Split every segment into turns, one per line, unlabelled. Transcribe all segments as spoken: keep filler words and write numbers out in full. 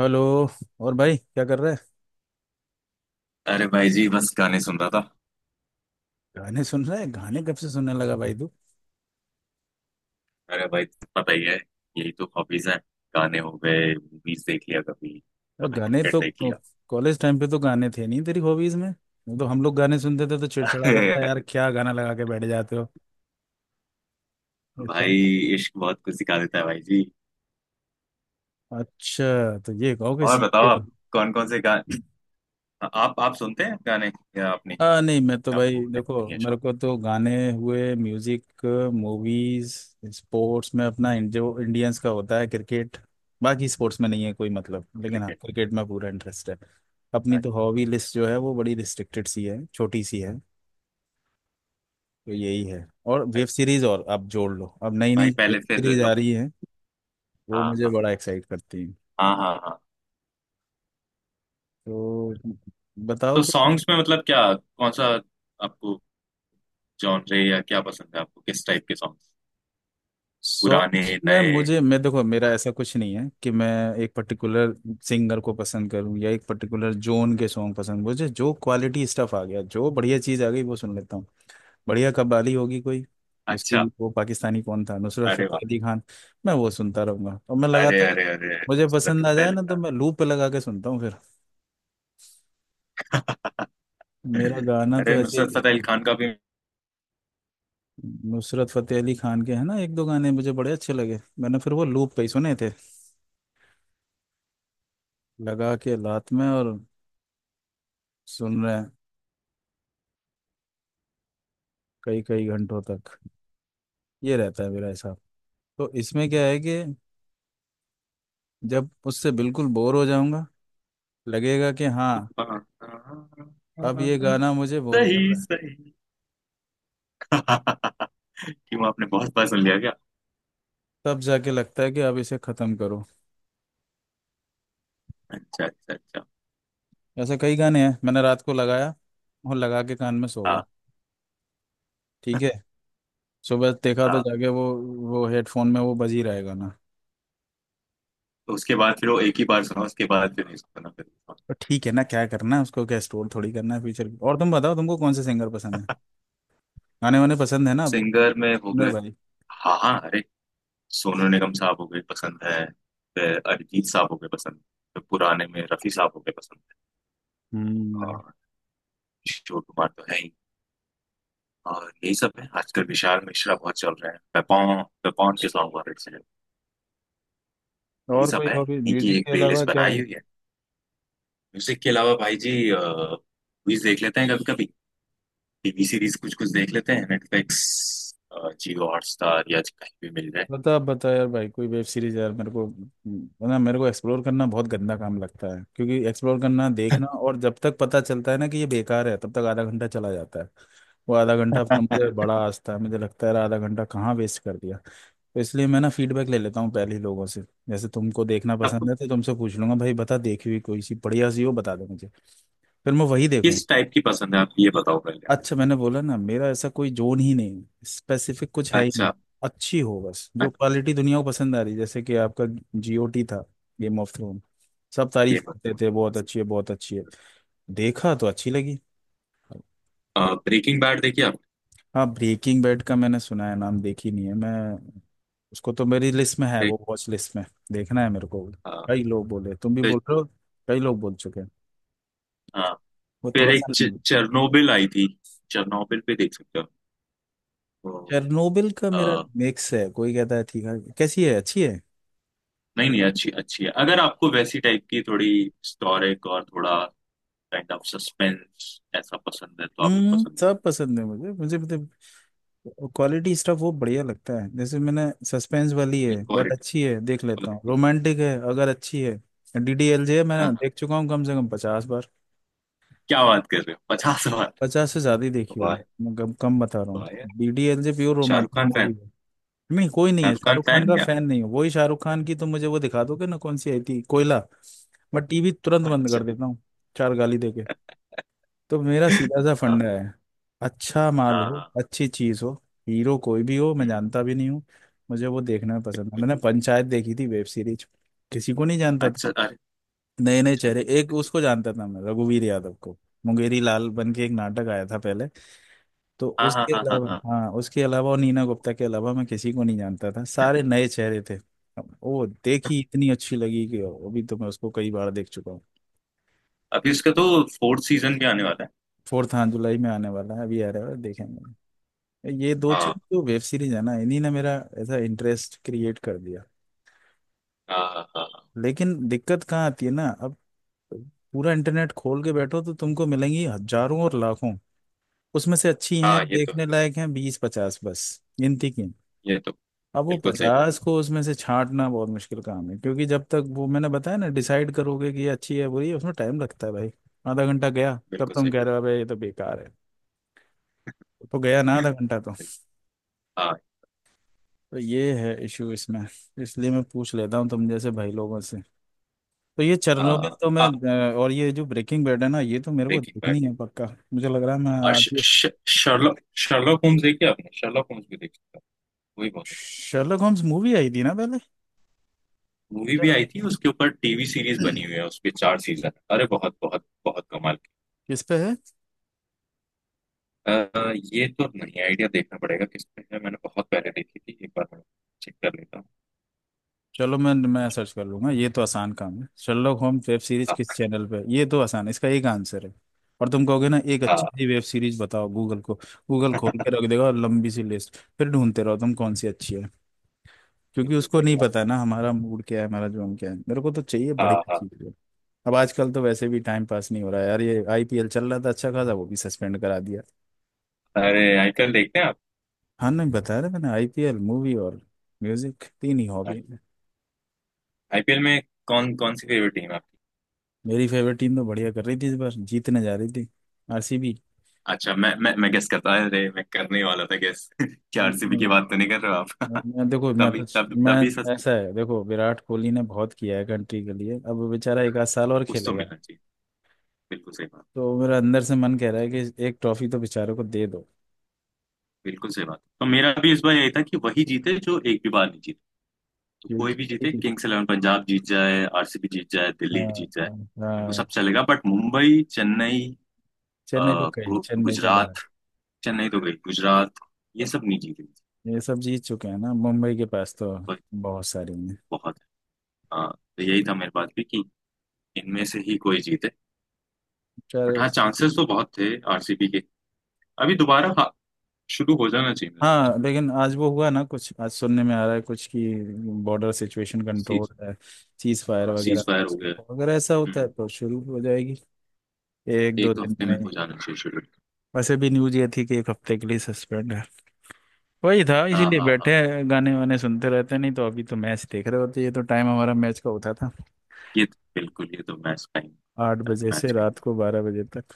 Hello. और भाई क्या कर रहा है।
अरे भाई जी, बस गाने सुन रहा था।
गाने सुन रहा है, गाने कब से सुनने लगा भाई तू?
अरे भाई, पता ही है, यही तो हॉबीज हैं। गाने हो गए, मूवीज देख लिया कभी।
अ,
कभी
गाने
क्रिकेट
तो
देख लिया।
कॉलेज टाइम पे तो गाने थे नहीं तेरी हॉबीज में, नहीं तो हम लोग गाने सुनते थे तो चिड़चिड़ाता था यार, क्या गाना लगा के बैठ जाते हो।
भाई
इतना-
इश्क बहुत कुछ सिखा देता है भाई जी।
अच्छा तो ये कहो कि
और बताओ
सीखे हो।
आप, कौन कौन से गाने आप आप सुनते हैं गाने, या आप नहीं?
आ, नहीं मैं तो भाई
आपको
देखो,
नहीं है
मेरे
शौक?
को तो गाने हुए, म्यूजिक, मूवीज, स्पोर्ट्स में अपना इन- जो इंडियंस का होता है क्रिकेट। बाकी स्पोर्ट्स में नहीं है कोई मतलब, लेकिन हाँ
क्रिकेट।
क्रिकेट में पूरा इंटरेस्ट है। अपनी
अच्छा।
तो हॉबी लिस्ट जो है वो बड़ी रिस्ट्रिक्टेड सी है, छोटी सी है। तो यही है, और वेब
अच्छा
सीरीज, और अब जोड़ लो, अब नई नई
भाई,
वेब
पहले फिर।
सीरीज आ रही है, वो
हाँ
मुझे
हाँ
बड़ा एक्साइट करती है।
हाँ हाँ हाँ।
तो
तो
बताओ।
सॉन्ग्स में मतलब क्या कौन सा? आपको जॉनरे या क्या पसंद है, आपको किस टाइप के सॉन्ग्स, पुराने,
सॉन्ग्स में
नए?
मुझे, मैं देखो, मेरा ऐसा कुछ नहीं है कि मैं एक पर्टिकुलर सिंगर को पसंद करूं या एक पर्टिकुलर जोन के सॉन्ग पसंद, मुझे जो क्वालिटी स्टफ आ गया, जो बढ़िया चीज़ आ गई वो सुन लेता हूँ। बढ़िया कव्वाली होगी कोई, उसकी,
अच्छा।
वो पाकिस्तानी कौन था, नुसरत
अरे वाह।
फतेह अली खान, मैं वो सुनता रहूंगा और मैं
अरे
लगातार,
अरे अरे।
मुझे
नुसरत
पसंद आ
फतेह
जाए
अली
ना तो
खान।
मैं लूप पे लगा के सुनता हूँ फिर। मेरा गाना
अरे,
तो ऐसे ही
नुसरत फतेह अली
चलता है।
खान का भी?
नुसरत फतेह अली खान के है ना एक दो गाने मुझे बड़े अच्छे लगे, मैंने फिर वो लूप पे ही सुने थे। लगा के लात में और सुन रहे हैं, कई कई घंटों तक, ये रहता है मेरा हिसाब। तो इसमें क्या है कि जब उससे बिल्कुल बोर हो जाऊंगा, लगेगा कि हाँ अब ये गाना मुझे बोर कर रहा
सही
है,
सही। क्यों, आपने बहुत बार सुन लिया क्या?
तब जाके लगता है कि अब इसे खत्म करो।
अच्छा अच्छा अच्छा।
ऐसे कई गाने हैं, मैंने रात को लगाया और लगा के कान में सो
हाँ
गया, ठीक है, सुबह देखा तो
हाँ।
जाके वो वो हेडफोन में वो बज ही रहा है गाना।
तो उसके बाद फिर वो एक ही बार सुना, उसके बाद फिर नहीं सुना फिर?
तो ठीक है ना, क्या करना है उसको, क्या स्टोर थोड़ी करना है फ्यूचर। और तुम बताओ, तुमको कौन से सिंगर पसंद है, गाने वाने पसंद है ना अब,
सिंगर में हो
मेरे
गए,
भाई।
हाँ हाँ, अरे, सोनू निगम साहब हो गए पसंद है, फिर अरिजीत साहब हो गए पसंद, फिर पुराने में रफी साहब हो गए पसंद है,
हम्म।
और किशोर कुमार तो है ही। और यही सब है, आजकल विशाल मिश्रा बहुत चल रहा है, पेपॉन, पेपॉन के सॉन्ग बहुत अच्छे हैं। यही
और
सब
कोई
है,
हॉबी
इन्हीं की
म्यूजिक
एक
के अलावा
प्लेलिस्ट
क्या है?
बनाई हुई है। म्यूजिक के अलावा भाई जी मूवीज देख लेते हैं कभी कभी, टीवी सीरीज कुछ कुछ देख लेते हैं, नेटफ्लिक्स, जियो हॉटस्टार या कहीं भी मिल जाए।
बता बता यार भाई, कोई वेब सीरीज यार मेरे को। ना, मेरे को एक्सप्लोर करना बहुत गंदा काम लगता है, क्योंकि एक्सप्लोर करना, देखना, और जब तक पता चलता है ना कि ये बेकार है तब तक आधा घंटा चला जाता है। वो आधा घंटा अपना, मुझे बड़ा आस्था है, मुझे लगता है यार आधा घंटा कहाँ वेस्ट कर दिया, तो इसलिए मैं ना फीडबैक ले लेता हूँ पहले ही लोगों से। जैसे तुमको देखना
आपको
पसंद है तो तुमसे पूछ लूंगा भाई, बता, देखी हुई कोई सी बढ़िया सी हो बता दो मुझे, फिर मैं वही देखूंगा।
किस टाइप की पसंद है? आप ये बताओ पहले आप।
अच्छा, मैंने बोला ना मेरा ऐसा कोई जोन ही नहीं, स्पेसिफिक कुछ है ही नहीं।
अच्छा।
अच्छी हो बस, जो
अच्छा।
क्वालिटी दुनिया को पसंद आ रही, जैसे कि आपका जीओटी था, गेम ऑफ थ्रोन, सब तारीफ
गेम ऑफ
करते थे बहुत
थ्रोन्स।
अच्छी है बहुत अच्छी है, देखा तो अच्छी लगी।
ब्रेकिंग बैड देखिए आपने?
हाँ, ब्रेकिंग बैड का मैंने सुना है नाम, देखी नहीं है मैं। उसको तो मेरी लिस्ट में है
एक,
वो, वॉच लिस्ट में, देखना है मेरे को।
अ,
कई लोग बोले, तुम भी
फिर,
बोल रहे हो, कई लोग बोल चुके हैं,
हाँ,
वो
फिर
थोड़ा
एक
सा।
चेरनोबिल आई थी। चेरनोबिल पे देख सकते
चेरनोबिल का मेरा
हो।
मिक्स है, कोई कहता है ठीक है, कैसी है अच्छी है।
नहीं नहीं, अच्छी अच्छी है, अगर आपको वैसी टाइप की थोड़ी हिस्टोरिक और थोड़ा काइंड ऑफ सस्पेंस ऐसा पसंद है तो आपको
हम्म,
पसंद आएगी।
सब पसंद है मुझे मुझे मतलब क्वालिटी स्टफ वो बढ़िया लगता है, जैसे मैंने, सस्पेंस वाली है
नहीं,
बट
क्वालिटी,
अच्छी है देख लेता हूँ,
क्वालिटी।
रोमांटिक है अगर अच्छी है। डीडीएलजे
हाँ
मैंने
हाँ।
देख चुका हूँ कम से कम पचास बार,
क्या बात कर रहे हो, पचास बार?
पचास से ज्यादा ही देखी होगी,
वाह।
मैं कम कम बता रहा हूँ।
वाह यार।
DDLJ pure
Shahrukh
romantic
Khan fan?
Movie है। नहीं, कोई नहीं है,
शाहरुख खान
शाहरुख खान
फैन
का
क्या?
फैन नहीं हूँ। वही शाहरुख खान की तो, मुझे वो दिखा दोगे ना, कौन सी आई थी, कोयला, मैं टीवी तुरंत बंद
अच्छा।
कर देता हूँ। चार गाली दे, तो मेरा सीधा सा
हाँ।
फंडा है, अच्छा माल
हाँ
हो,
हाँ,
अच्छी चीज हो, हीरो कोई भी हो, मैं
हम्म,
जानता भी नहीं हूँ, मुझे वो देखना भी पसंद है।
बिल्कुल।
मैंने पंचायत देखी थी वेब सीरीज, किसी को नहीं जानता था,
अच्छा, अरे।
नए नए चेहरे,
अच्छा, बहुत
एक
अच्छी।
उसको जानता था मैं, रघुवीर यादव को, मुंगेरी लाल बन के एक नाटक आया था पहले, तो
हाँ हाँ
उसके
हाँ हाँ
अलावा,
हाँ।
हाँ उसके अलावा और नीना गुप्ता के अलावा मैं किसी को नहीं जानता था,
yeah।
सारे नए चेहरे थे। अब वो देखी इतनी अच्छी लगी कि अभी तो मैं उसको कई बार देख चुका हूँ।
अभी उसका तो फोर्थ सीजन भी आने वाला है।
फोर्थ हाँ, जुलाई में आने वाला है, अभी आ रहा है, देखेंगे। ये दो चीज
हाँ
जो वेब सीरीज है ना, इन्हीं ने मेरा ऐसा इंटरेस्ट क्रिएट कर दिया।
हाँ। हाँ हाँ
लेकिन दिक्कत कहाँ आती है ना अब, पूरा इंटरनेट खोल के बैठो तो तुमको मिलेंगी हजारों और लाखों, उसमें से अच्छी हैं
हाँ, ये तो है,
देखने लायक हैं बीस पचास बस, गिनती की।
ये तो।
अब वो
बिल्कुल सही बात।
पचास को उसमें से छांटना बहुत मुश्किल काम है, क्योंकि जब तक, वो मैंने बताया ना, डिसाइड करोगे कि ये अच्छी है बुरी है उसमें टाइम लगता है भाई। आधा घंटा गया तब
बिल्कुल
तुम
सही।
कह रहे हो भाई ये तो बेकार है, तो गया ना आधा घंटा तो।
हाँ।
तो ये है इशू इसमें, इसलिए मैं पूछ लेता हूँ तुम जैसे भाई लोगों से। तो ये
आ,
चेरनोबिल तो मैं,
आ,
अ, और ये जो ब्रेकिंग बैड है ना, ये तो मेरे को
ब्रेकिंग बैड।
देखनी है पक्का। मुझे लग रहा है मैं
और
आज
श-
ही-
श- शर्लॉक शर्लॉक होम्स देखिए आपने? शर्लॉक होम्स भी देखी था, वही बहुत अच्छी।
शर्लक होम्स मूवी आई थी ना पहले।
मूवी भी आई थी, उसके ऊपर टीवी सीरीज बनी
अच्छा।
हुई है, उसके चार सीजन, अरे बहुत बहुत बहुत कमाल की।
किस पे है?
आ, ये तो नहीं आइडिया, देखना पड़ेगा किस पे है, मैंने बहुत पहले देखी थी एक बार, मैं चेक कर लेता हूँ।
चलो मैं मैं सर्च कर लूंगा, ये तो आसान काम है, शर्लक होम्स वेब सीरीज
हाँ।
किस चैनल पे है? ये तो आसान है, इसका एक आंसर है। और तुम कहोगे ना एक
हाँ।
अच्छी सी वेब सीरीज बताओ गूगल को, गूगल खोल के रख देगा और लंबी सी लिस्ट, फिर ढूंढते रहो तुम कौन सी अच्छी है। क्योंकि
बिल्कुल
उसको
सही
नहीं
बात।
पता ना हमारा मूड क्या है, हमारा जोन क्या है, मेरे को तो चाहिए
हाँ
बढ़िया
हाँ।
चीज। अब आजकल तो वैसे भी टाइम पास नहीं हो रहा है यार, ये आईपीएल चल रहा था अच्छा खासा वो भी सस्पेंड करा दिया।
अरे आईपीएल देखते हैं आप?
हाँ, नहीं बताया था मैंने, आईपीएल, मूवी और म्यूजिक, तीन ही हॉबी है।
आईपीएल में कौन कौन सी फेवरेट टीम है आपकी?
मेरी फेवरेट टीम तो बढ़िया कर रही थी इस बार, जीतने जा रही थी, आरसीबी।
अच्छा, मैं मैं मैं गेस करता, अरे मैं करने ही वाला था गेस। क्या आरसीबी
मैं
की बात तो नहीं कर रहे हो?
देखो मैं
तभी
तो
तभी
मैं
तभी सच।
ऐसा है देखो, विराट कोहली ने बहुत किया है कंट्री के लिए, अब वो बेचारा एक आध साल और
उसको
खेलेगा,
मिलना चाहिए। बिल्कुल सही बात।
तो मेरा अंदर से मन कह रहा
बिल्कुल।
है कि एक ट्रॉफी तो बेचारे को दे दो।
बिल्कुल सही बात, तो मेरा भी इस बार यही था कि वही जीते जो एक भी बार नहीं जीते। तो कोई
क्योंकि,
भी जीते, किंग्स इलेवन पंजाब जीत जाए, आरसीबी जीत जाए,
हाँ
दिल्ली जीत जाए,
हाँ,
मेरे को
हाँ,
सब चलेगा, बट मुंबई, चेन्नई, अ,
चेन्नई तो, कही
गु-
चेन्नई तो बाहर।
गुजरात, चेन्नई तो गई गुजरात, ये सब नहीं जीतेंगे।
ये सब जीत चुके हैं ना, मुंबई के पास तो
बट
बहुत सारी हैं।
बहुत है। हाँ, तो यही था मेरे पास भी, कि इनमें से ही कोई जीते। बट
चलो।
हाँ, चांसेस तो बहुत थे आरसीबी के। अभी दोबारा, हाँ, शुरू हो जाना चाहिए मेरे हिसाब से।
हाँ लेकिन आज वो हुआ ना कुछ, आज सुनने में आ रहा है कुछ कि बॉर्डर सिचुएशन कंट्रोल
सीज।
है, चीज फायर
हाँ,
वगैरह
सीज फायर
कुछ,
हो गया।
तो अगर ऐसा होता है
हम्म।
तो शुरू हो जाएगी एक दो
एक
दिन
हफ्ते में
में ही।
हो जाना चाहिए शुरू।
वैसे भी न्यूज ये थी कि एक हफ्ते के लिए सस्पेंड है। वही था
हाँ
इसीलिए
हाँ हाँ।
बैठे हैं, गाने वाने सुनते रहते हैं, नहीं तो अभी तो मैच देख रहे होते, ये तो टाइम हमारा मैच का होता था,
ये तो- बिल्कुल, ये तो मैच टाइम,
आठ
टाइम
बजे से
मैच कहीं।
रात को बारह बजे तक।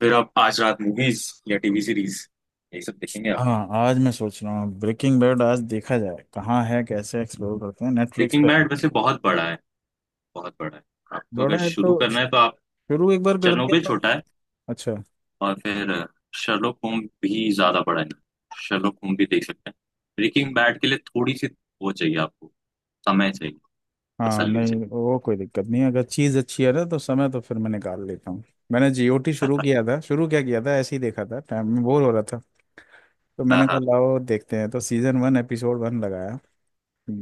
फिर आप आज रात मूवीज या टीवी सीरीज, यही सब देखेंगे आप?
हाँ, आज मैं सोच रहा हूँ ब्रेकिंग बैड आज देखा जाए, कहाँ है, कैसे एक्सप्लोर करते हैं, नेटफ्लिक्स
ब्रेकिंग
पे है।
बैड वैसे बहुत बड़ा है, बहुत बड़ा है। आपको अगर
बड़ा है तो,
शुरू करना है तो आप,
शुरू एक बार कर
चेरनोबिल
दिया तो,
छोटा है,
अच्छा।
और फिर शर्लोक होम भी ज्यादा बड़ा है ना, शर्लोक होम भी देख सकते हैं। ब्रेकिंग बैड के लिए थोड़ी सी वो चाहिए आपको, समय चाहिए,
हाँ,
तसल्ली
नहीं
चाहिए।
वो कोई दिक्कत नहीं है, अगर चीज़ अच्छी है ना तो समय तो फिर मैं निकाल लेता हूँ। मैंने जीओटी शुरू किया था, शुरू क्या किया था, ऐसे ही देखा था, टाइम में बोर हो रहा था तो
हाँ
मैंने कहा
हाँ।
लाओ देखते हैं, तो सीजन वन एपिसोड वन लगाया,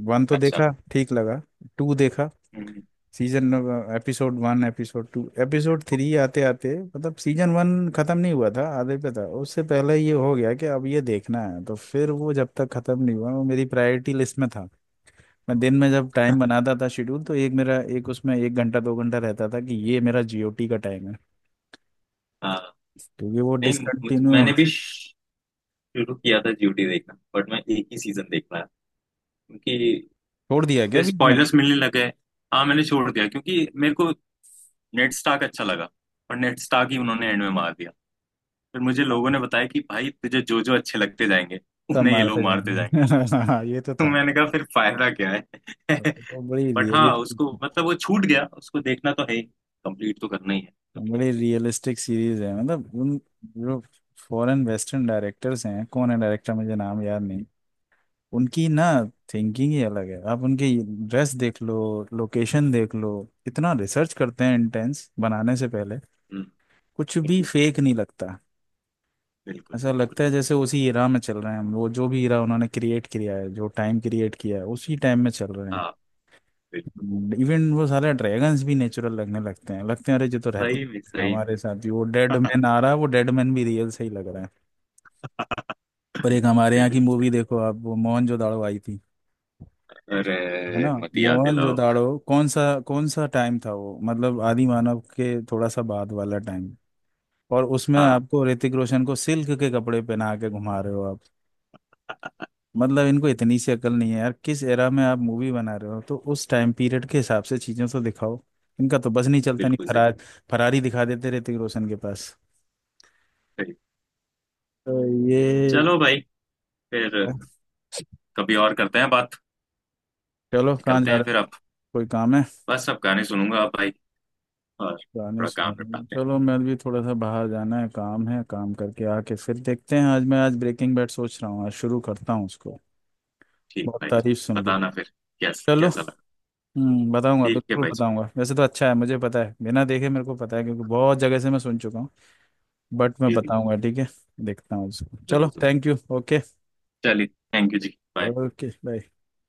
वन तो
अच्छा।
देखा ठीक लगा, टू देखा,
हम्म।
Season episode one episode two episode three आते आते मतलब सीजन वन खत्म नहीं हुआ था, आधे पे था, उससे पहले ये हो गया कि अब ये देखना है, तो फिर वो जब तक खत्म नहीं हुआ वो मेरी प्रायोरिटी लिस्ट में था। मैं दिन में जब टाइम बनाता था शेड्यूल, तो एक मेरा, एक उसमें एक घंटा दो घंटा रहता था कि ये मेरा जीओटी का टाइम है,
हाँ
क्योंकि वो
नहीं, मुझ-
डिसकंटिन्यू
मैंने भी शुरू किया था ड्यूटी देखना, बट मैं एक ही सीजन देख पाया। क्योंकि
छोड़ दिया गया
फिर
बीच में।
स्पॉयलर्स मिलने लगे। हाँ, मैंने छोड़ दिया क्योंकि मेरे को नेड स्टार्क अच्छा लगा, और नेड स्टार्क ही उन्होंने एंड में मार दिया। फिर मुझे लोगों ने बताया कि भाई, तुझे जो जो अच्छे लगते जाएंगे,
सब
उन्हें ये लोग
मारते
मारते जाएंगे।
जाएंगे। हाँ, ये तो
तो
था।
मैंने कहा, फिर फायदा क्या है?
तो बड़ी
बट हाँ उसको,
रियलिस्टिक,
मतलब वो छूट गया, उसको देखना तो है ही, कंप्लीट तो करना ही है कभी ना
बड़ी
कभी।
रियलिस्टिक सीरीज है मतलब, उन, जो फॉरेन वेस्टर्न डायरेक्टर्स हैं, कौन है डायरेक्टर मुझे नाम याद नहीं, उनकी ना थिंकिंग ही अलग है। आप उनके ड्रेस देख लो, लोकेशन देख लो, इतना रिसर्च करते हैं, इंटेंस बनाने से पहले
हम्म,
कुछ भी
बिल्कुल
फेक नहीं लगता।
बिल्कुल
ऐसा
बिल्कुल।
लगता है जैसे उसी इरा में चल रहे हैं हम, वो जो भी इरा उन्होंने क्रिएट किया है, जो टाइम क्रिएट किया है, उसी टाइम में चल रहे हैं।
हाँ, बिल्कुल।
इवन वो सारे ड्रैगन्स भी नेचुरल लगने लगते हैं लगते हैं, अरे जो तो रहते
सही में,
हैं
सही में।
हमारे साथ ही, वो डेड मैन आ रहा है, वो डेड मैन भी रियल से ही लग रहा है। पर एक हमारे यहाँ की
बिल्कुल सही।
मूवी देखो आप, वो मोहनजोदाड़ो आई थी,
अरे
है ना,
मत ही याद दिलाओ।
मोहनजोदाड़ो कौन सा कौन सा टाइम था वो, मतलब आदि मानव के थोड़ा सा बाद वाला टाइम, और उसमें
हाँ।
आपको ऋतिक रोशन को सिल्क के कपड़े पहना के घुमा रहे हो आप। मतलब इनको इतनी सी अकल नहीं है यार, किस एरा में आप मूवी बना रहे हो तो उस टाइम पीरियड के हिसाब से चीजें तो दिखाओ। इनका तो बस नहीं चलता, नहीं,
बिल्कुल सही।
फरार, फरारी दिखा देते ऋतिक रोशन के पास।
सही।
तो ये,
चलो भाई, फिर कभी और करते हैं बात,
चलो कहाँ
निकलते
जा रहे
हैं
हो,
फिर अब।
कोई काम है?
बस अब गाने सुनूंगा अब भाई, और
गाने
थोड़ा काम
सुनो,
निपटाते हैं।
चलो मैं भी, थोड़ा सा बाहर जाना है, काम है, काम करके आके फिर देखते हैं, आज मैं, आज ब्रेकिंग बैड सोच रहा हूँ, आज शुरू करता हूँ उसको,
ठीक
बहुत
भाई जी।
तारीफ सुन ली।
बताना फिर कैसा
चलो,
कैसा लगा।
हम्म, बताऊंगा,
ठीक है
बिल्कुल
भाई जी।
बताऊंगा, वैसे तो अच्छा है मुझे पता है, बिना देखे मेरे को पता है क्योंकि बहुत जगह से मैं सुन चुका हूँ, बट मैं
जी जी,
बताऊंगा, ठीक है, देखता हूँ उसको। चलो,
जरूर जरूर।
Thank you, okay.
चलिए। Thank you ji, bye.
Okay, bye.